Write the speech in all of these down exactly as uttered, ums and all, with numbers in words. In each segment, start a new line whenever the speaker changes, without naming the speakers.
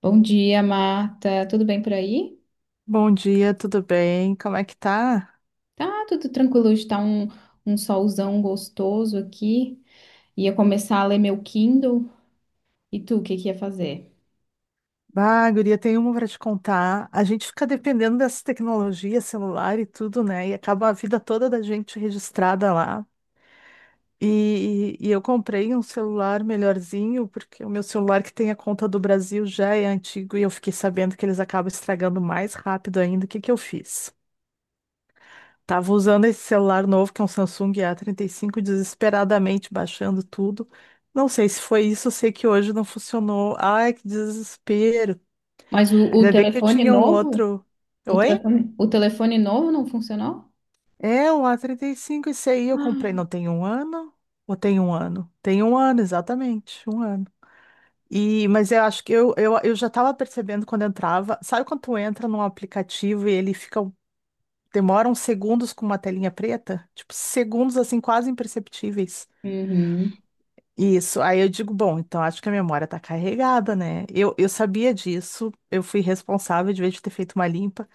Bom dia, Marta. Tudo bem por aí?
Bom dia, tudo bem? Como é que tá?
Tá tudo tranquilo. Hoje tá um, um solzão gostoso aqui. Ia começar a ler meu Kindle. E tu, o que que ia fazer?
Bah, guria, tem uma para te contar. A gente fica dependendo dessa tecnologia, celular e tudo, né? E acaba a vida toda da gente registrada lá. E, e e eu comprei um celular melhorzinho, porque o meu celular que tem a conta do Brasil já é antigo e eu fiquei sabendo que eles acabam estragando mais rápido ainda. O que que eu fiz? Tava usando esse celular novo, que é um Samsung A trinta e cinco, desesperadamente baixando tudo. Não sei se foi isso, eu sei que hoje não funcionou. Ai, que desespero.
Mas o, o
Ainda bem que eu
telefone
tinha um
novo?
outro.
O
Oi?
telefone, o telefone novo não funcionou?
É, um A trinta e cinco, esse aí eu comprei,
Ah.
não tem um ano? Ou tem um ano? Tem um ano, exatamente, um ano. E, mas eu acho que eu, eu, eu já estava percebendo quando entrava. Sabe quando tu entra num aplicativo e ele fica, um, demora uns segundos com uma telinha preta? Tipo, segundos assim, quase imperceptíveis.
Uhum.
Isso, aí eu digo, bom, então acho que a memória tá carregada, né? Eu, eu sabia disso, eu fui responsável de vez de ter feito uma limpa,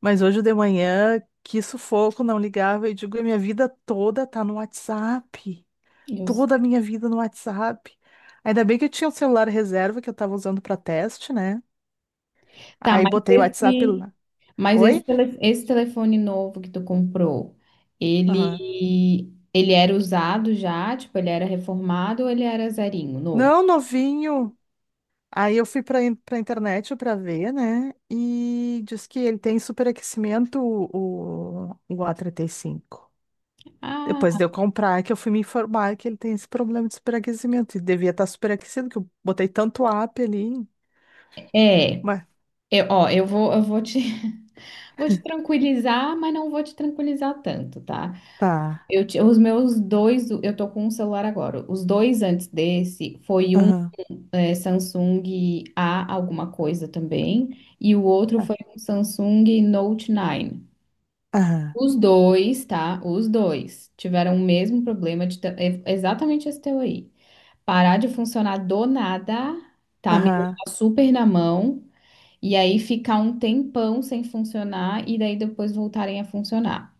mas hoje de manhã, que sufoco, não ligava, eu digo, a minha vida toda tá no WhatsApp,
Eu
toda a
sei.
minha vida no WhatsApp. Ainda bem que eu tinha um celular reserva que eu tava usando pra teste, né?
Tá,
Aí
mas
botei o WhatsApp
esse,
lá.
mas esse,
Oi?
tele- esse telefone novo que tu comprou,
Aham.
ele, ele era usado já? Tipo, ele era reformado ou ele era zerinho, novo?
Não, novinho. Aí eu fui para para internet para ver, né? E diz que ele tem superaquecimento o, o A trinta e cinco. E cinco. Depois
Ah,
de eu comprar, que eu fui me informar que ele tem esse problema de superaquecimento. E devia estar superaquecido, que eu botei tanto app ali.
é.
Mas
Eu, ó, eu vou, eu vou te, vou te tranquilizar, mas não vou te tranquilizar tanto, tá?
tá.
Eu, ti- os meus dois, eu tô com um celular agora. Os dois antes desse foi um
Aham.
é, Samsung A alguma coisa também, e o outro
ah,
foi um Samsung Note nove.
Aham.
Os dois, tá? Os dois tiveram o mesmo problema de ta- é exatamente esse teu aí. Parar de funcionar do nada, tá? Me
Aham.
deixar super na mão. E aí ficar um tempão sem funcionar e daí depois voltarem a funcionar.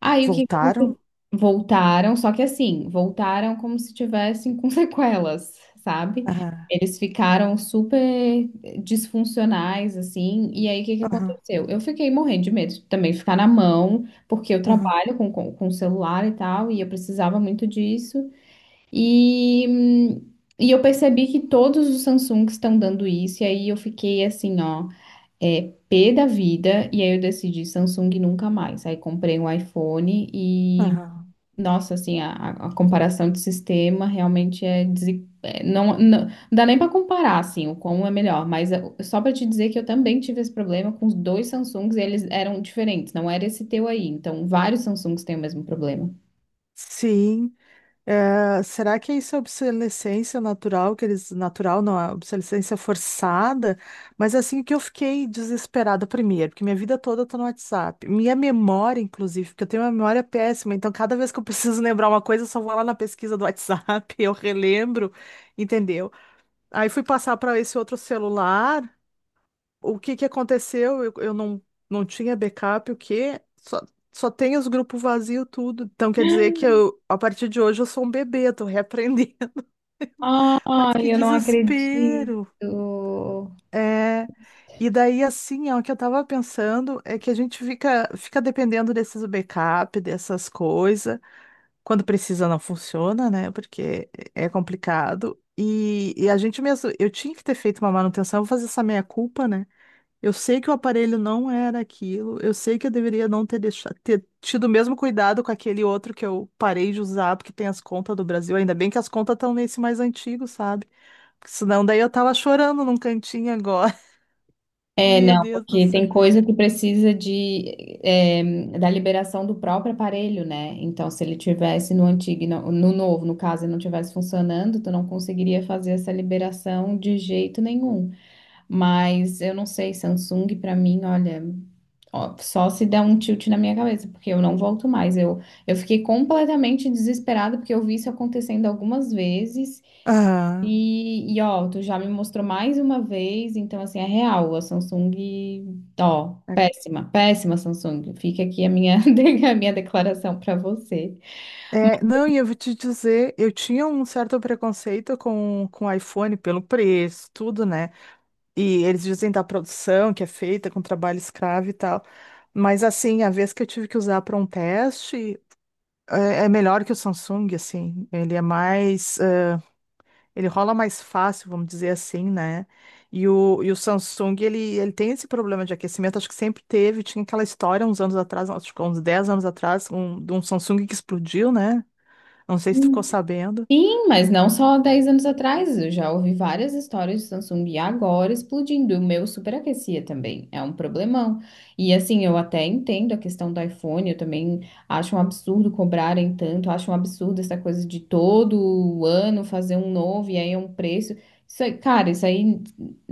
Aí o que que aconteceu?
Voltaram?
Voltaram, só que assim, voltaram como se tivessem com sequelas, sabe?
Aham.
Eles ficaram super disfuncionais, assim, e aí o que que
Aham.
aconteceu? Eu fiquei morrendo de medo de também ficar na mão, porque eu
Aham.
trabalho com, com, com celular e tal, e eu precisava muito disso. E, hum, e eu percebi que todos os Samsungs estão dando isso, e aí eu fiquei assim, ó. É P da vida, e aí eu decidi Samsung nunca mais. Aí comprei um iPhone e,
Aham.
nossa, assim, a, a- a comparação de sistema realmente é, desi- é, não, não, não dá nem para comparar, assim, o qual é melhor, mas é, só para te dizer que eu também tive esse problema com os dois Samsungs e eles eram diferentes, não era esse teu aí. Então, vários Samsungs têm o mesmo problema.
Sim. É, será que é isso é obsolescência natural, que eles, natural não, é obsolescência forçada? Mas assim que eu fiquei desesperada primeiro, porque minha vida toda eu tô no WhatsApp. Minha memória, inclusive, porque eu tenho uma memória péssima, então cada vez que eu preciso lembrar uma coisa, eu só vou lá na pesquisa do WhatsApp, eu relembro, entendeu? Aí fui passar para esse outro celular, o que que aconteceu? Eu, eu não, não tinha backup, o quê? Só, só tem os grupos vazios, tudo. Então quer dizer que eu, a partir de hoje eu sou um bebê, tô reaprendendo. Mas
Ai,
que
eu não acredito.
desespero. É. E daí, assim, ó, o que eu tava pensando é que a gente fica, fica dependendo desses backup, dessas coisas. Quando precisa, não funciona, né? Porque é complicado. E, e a gente mesmo, eu tinha que ter feito uma manutenção, vou fazer essa meia-culpa, né? Eu sei que o aparelho não era aquilo, eu sei que eu deveria não ter deixado, ter tido o mesmo cuidado com aquele outro que eu parei de usar, porque tem as contas do Brasil. Ainda bem que as contas estão nesse mais antigo, sabe? Porque senão daí eu tava chorando num cantinho agora.
É,
Meu
não,
Deus do
porque
céu.
tem coisa que precisa de, eh, da liberação do próprio aparelho, né? Então, se ele tivesse no antigo, e não- no novo, no caso, ele não tivesse funcionando, tu não conseguiria fazer essa liberação de jeito nenhum. Mas eu não sei, Samsung, pra mim, olha, ó, só se der um tilt na minha cabeça, porque eu não volto mais. Eu, eu fiquei completamente desesperada porque eu vi isso acontecendo algumas vezes.
Ah,
E, e, ó, tu já me mostrou mais uma vez, então assim, é real, a Samsung, ó,
é,
péssima, péssima Samsung. Fica aqui a minha, a minha declaração para você.
é, não, e eu vou te dizer, eu tinha um certo preconceito com, com o iPhone pelo preço, tudo, né? E eles dizem da produção que é feita com trabalho escravo e tal. Mas assim, a vez que eu tive que usar para um teste. É é melhor que o Samsung, assim. Ele é mais, eh, ele rola mais fácil, vamos dizer assim, né? E o, e o Samsung, ele, ele tem esse problema de aquecimento, acho que sempre teve. Tinha aquela história uns anos atrás, acho que uns dez anos atrás, um, de um Samsung que explodiu, né? Não sei se tu ficou sabendo.
Sim, mas não só dez anos atrás, eu já ouvi várias histórias de Samsung e agora explodindo. O meu superaquecia também, é um problemão. E assim, eu até entendo a questão do iPhone, eu também acho um absurdo cobrarem tanto, acho um absurdo essa coisa de todo ano fazer um novo e aí é um preço. Isso aí, cara, isso aí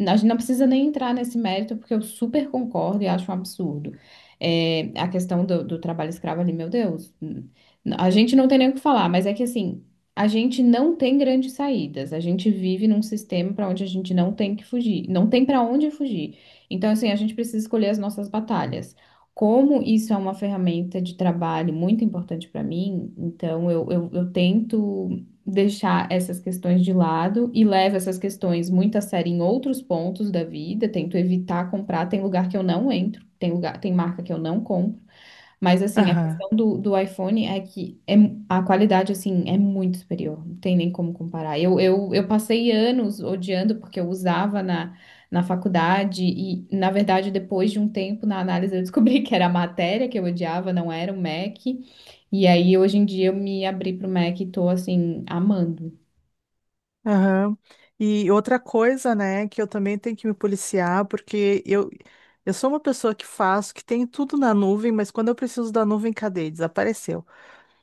a gente não precisa nem entrar nesse mérito, porque eu super concordo e acho um absurdo. É, a questão do, do trabalho escravo ali, meu Deus. A gente não tem nem o que falar, mas é que assim, a gente não tem grandes saídas. A gente vive num sistema para onde a gente não tem que fugir, não tem para onde fugir. Então, assim, a gente precisa escolher as nossas batalhas. Como isso é uma ferramenta de trabalho muito importante para mim, então eu, eu, eu tento deixar essas questões de lado e levo essas questões muito a sério em outros pontos da vida, tento evitar comprar. Tem lugar que eu não entro, tem lugar, tem marca que eu não compro. Mas assim, a
Aham,
questão do, do iPhone é que é, a qualidade assim é muito superior, não tem nem como comparar. Eu, eu, eu passei anos odiando porque eu usava na, na faculdade e, na verdade, depois de um tempo na análise eu descobri que era a matéria que eu odiava, não era o Mac. E aí hoje em dia eu me abri pro Mac e tô assim amando.
aham. E outra coisa, né, que eu também tenho que me policiar, porque eu, eu sou uma pessoa que faço, que tem tudo na nuvem, mas quando eu preciso da nuvem, cadê? Desapareceu.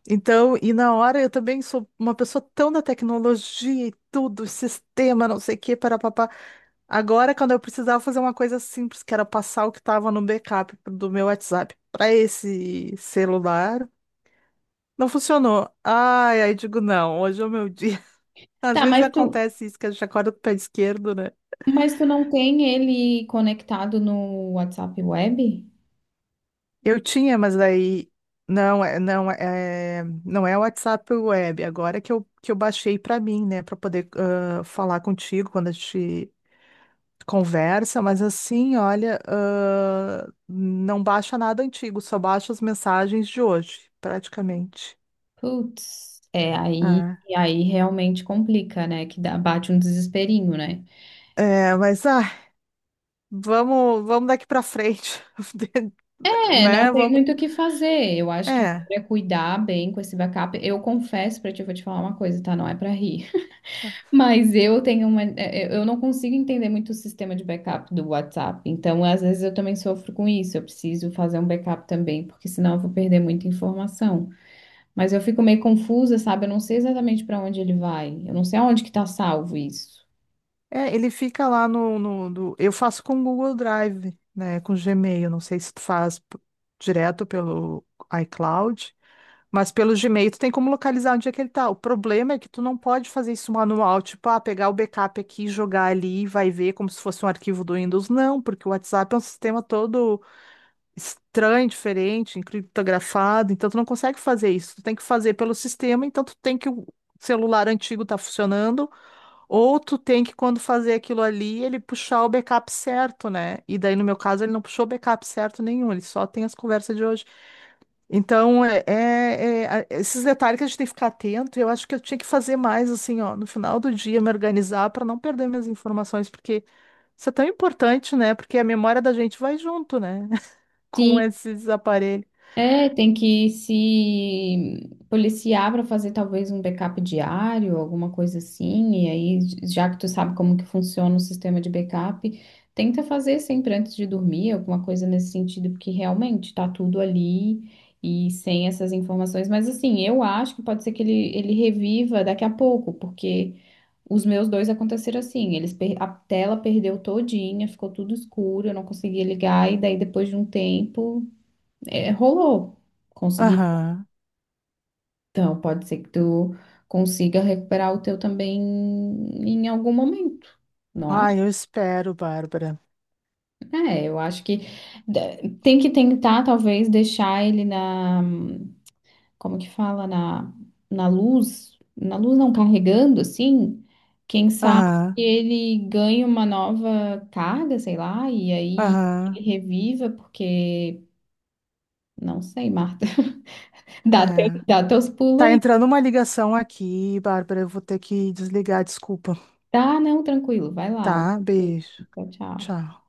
Então, e na hora eu também sou uma pessoa tão da tecnologia e tudo, sistema, não sei o que, papá. Agora, quando eu precisava fazer uma coisa simples, que era passar o que estava no backup do meu WhatsApp para esse celular, não funcionou. Ai, aí digo, não, hoje é o meu dia. Às
Tá,
vezes
mas tu,
acontece isso, que a gente acorda com o pé esquerdo, né?
mas tu não tem ele conectado no WhatsApp Web?
Eu tinha, mas daí não é, não é, não é o WhatsApp Web, agora que eu, que eu baixei para mim, né, para poder ah, falar contigo quando a gente conversa, mas assim, olha, ah, não baixa nada antigo, só baixa as mensagens de hoje, praticamente.
Putz, é, aí,
Ah.
aí realmente complica, né? Que dá, bate um desesperinho, né?
É, mas ah, vamos, vamos daqui para frente,
É, não
né?
tem
Vamos,
muito o que fazer. Eu acho que agora
é.
é cuidar bem com esse backup. Eu confesso pra ti, eu vou te falar uma coisa, tá? Não é pra rir. Mas eu tenho uma. é, é, Eu não consigo entender muito o sistema de backup do WhatsApp. Então, às vezes, eu também sofro com isso. Eu preciso fazer um backup também, porque senão eu vou perder muita informação. Mas eu fico meio confusa, sabe? Eu não sei exatamente pra onde ele vai. Eu não sei aonde que tá salvo isso.
É, ele fica lá no, no, no- eu faço com o Google Drive, né? Com Gmail. Não sei se tu faz p- direto pelo iCloud, mas pelo Gmail tu tem como localizar onde é que ele tá. O problema é que tu não pode fazer isso manual, tipo, ah, pegar o backup aqui, jogar ali e vai ver como se fosse um arquivo do Windows. Não, porque o WhatsApp é um sistema todo estranho, diferente, encriptografado, então tu não consegue fazer isso. Tu tem que fazer pelo sistema, então tu tem que o celular antigo tá funcionando. Ou tu tem que, quando fazer aquilo ali, ele puxar o backup certo, né? E daí, no meu caso, ele não puxou backup certo nenhum, ele só tem as conversas de hoje. Então, é, é- é- a- esses detalhes que a gente tem que ficar atento, eu acho que eu tinha que fazer mais, assim, ó, no final do dia, me organizar para não perder minhas informações, porque isso é tão importante, né? Porque a memória da gente vai junto, né? Com
Sim.
esses aparelhos.
É, tem que se policiar para fazer talvez um backup diário, alguma coisa assim. E aí, já que tu sabe como que funciona o sistema de backup, tenta fazer sempre antes de dormir, alguma coisa nesse sentido, porque realmente tá tudo ali e sem essas informações. Mas assim, eu acho que pode ser que ele, ele reviva daqui a pouco, porque os meus dois aconteceram assim. Eles per- a tela perdeu todinha, ficou tudo escuro, eu não conseguia ligar, e daí depois de um tempo. É, rolou. Consegui.
Aham.
Então, pode ser que tu consiga recuperar o teu também em algum momento, não
Ah,
acho?
eu espero, Bárbara.
É, eu acho que de- tem que tentar, talvez, deixar ele na, como que fala, na, na, luz, na luz não carregando, assim, quem sabe
Aham,
ele ganhe uma nova carga, sei lá, e aí ele
aham.
reviva, porque, não sei, Marta, dá, teu-
É.
dá teus pulos
Tá
aí.
entrando uma ligação aqui, Bárbara. Eu vou ter que desligar, desculpa.
Tá, não, tranquilo, vai lá.
Tá, beijo.
Tchau, tchau.
Tchau.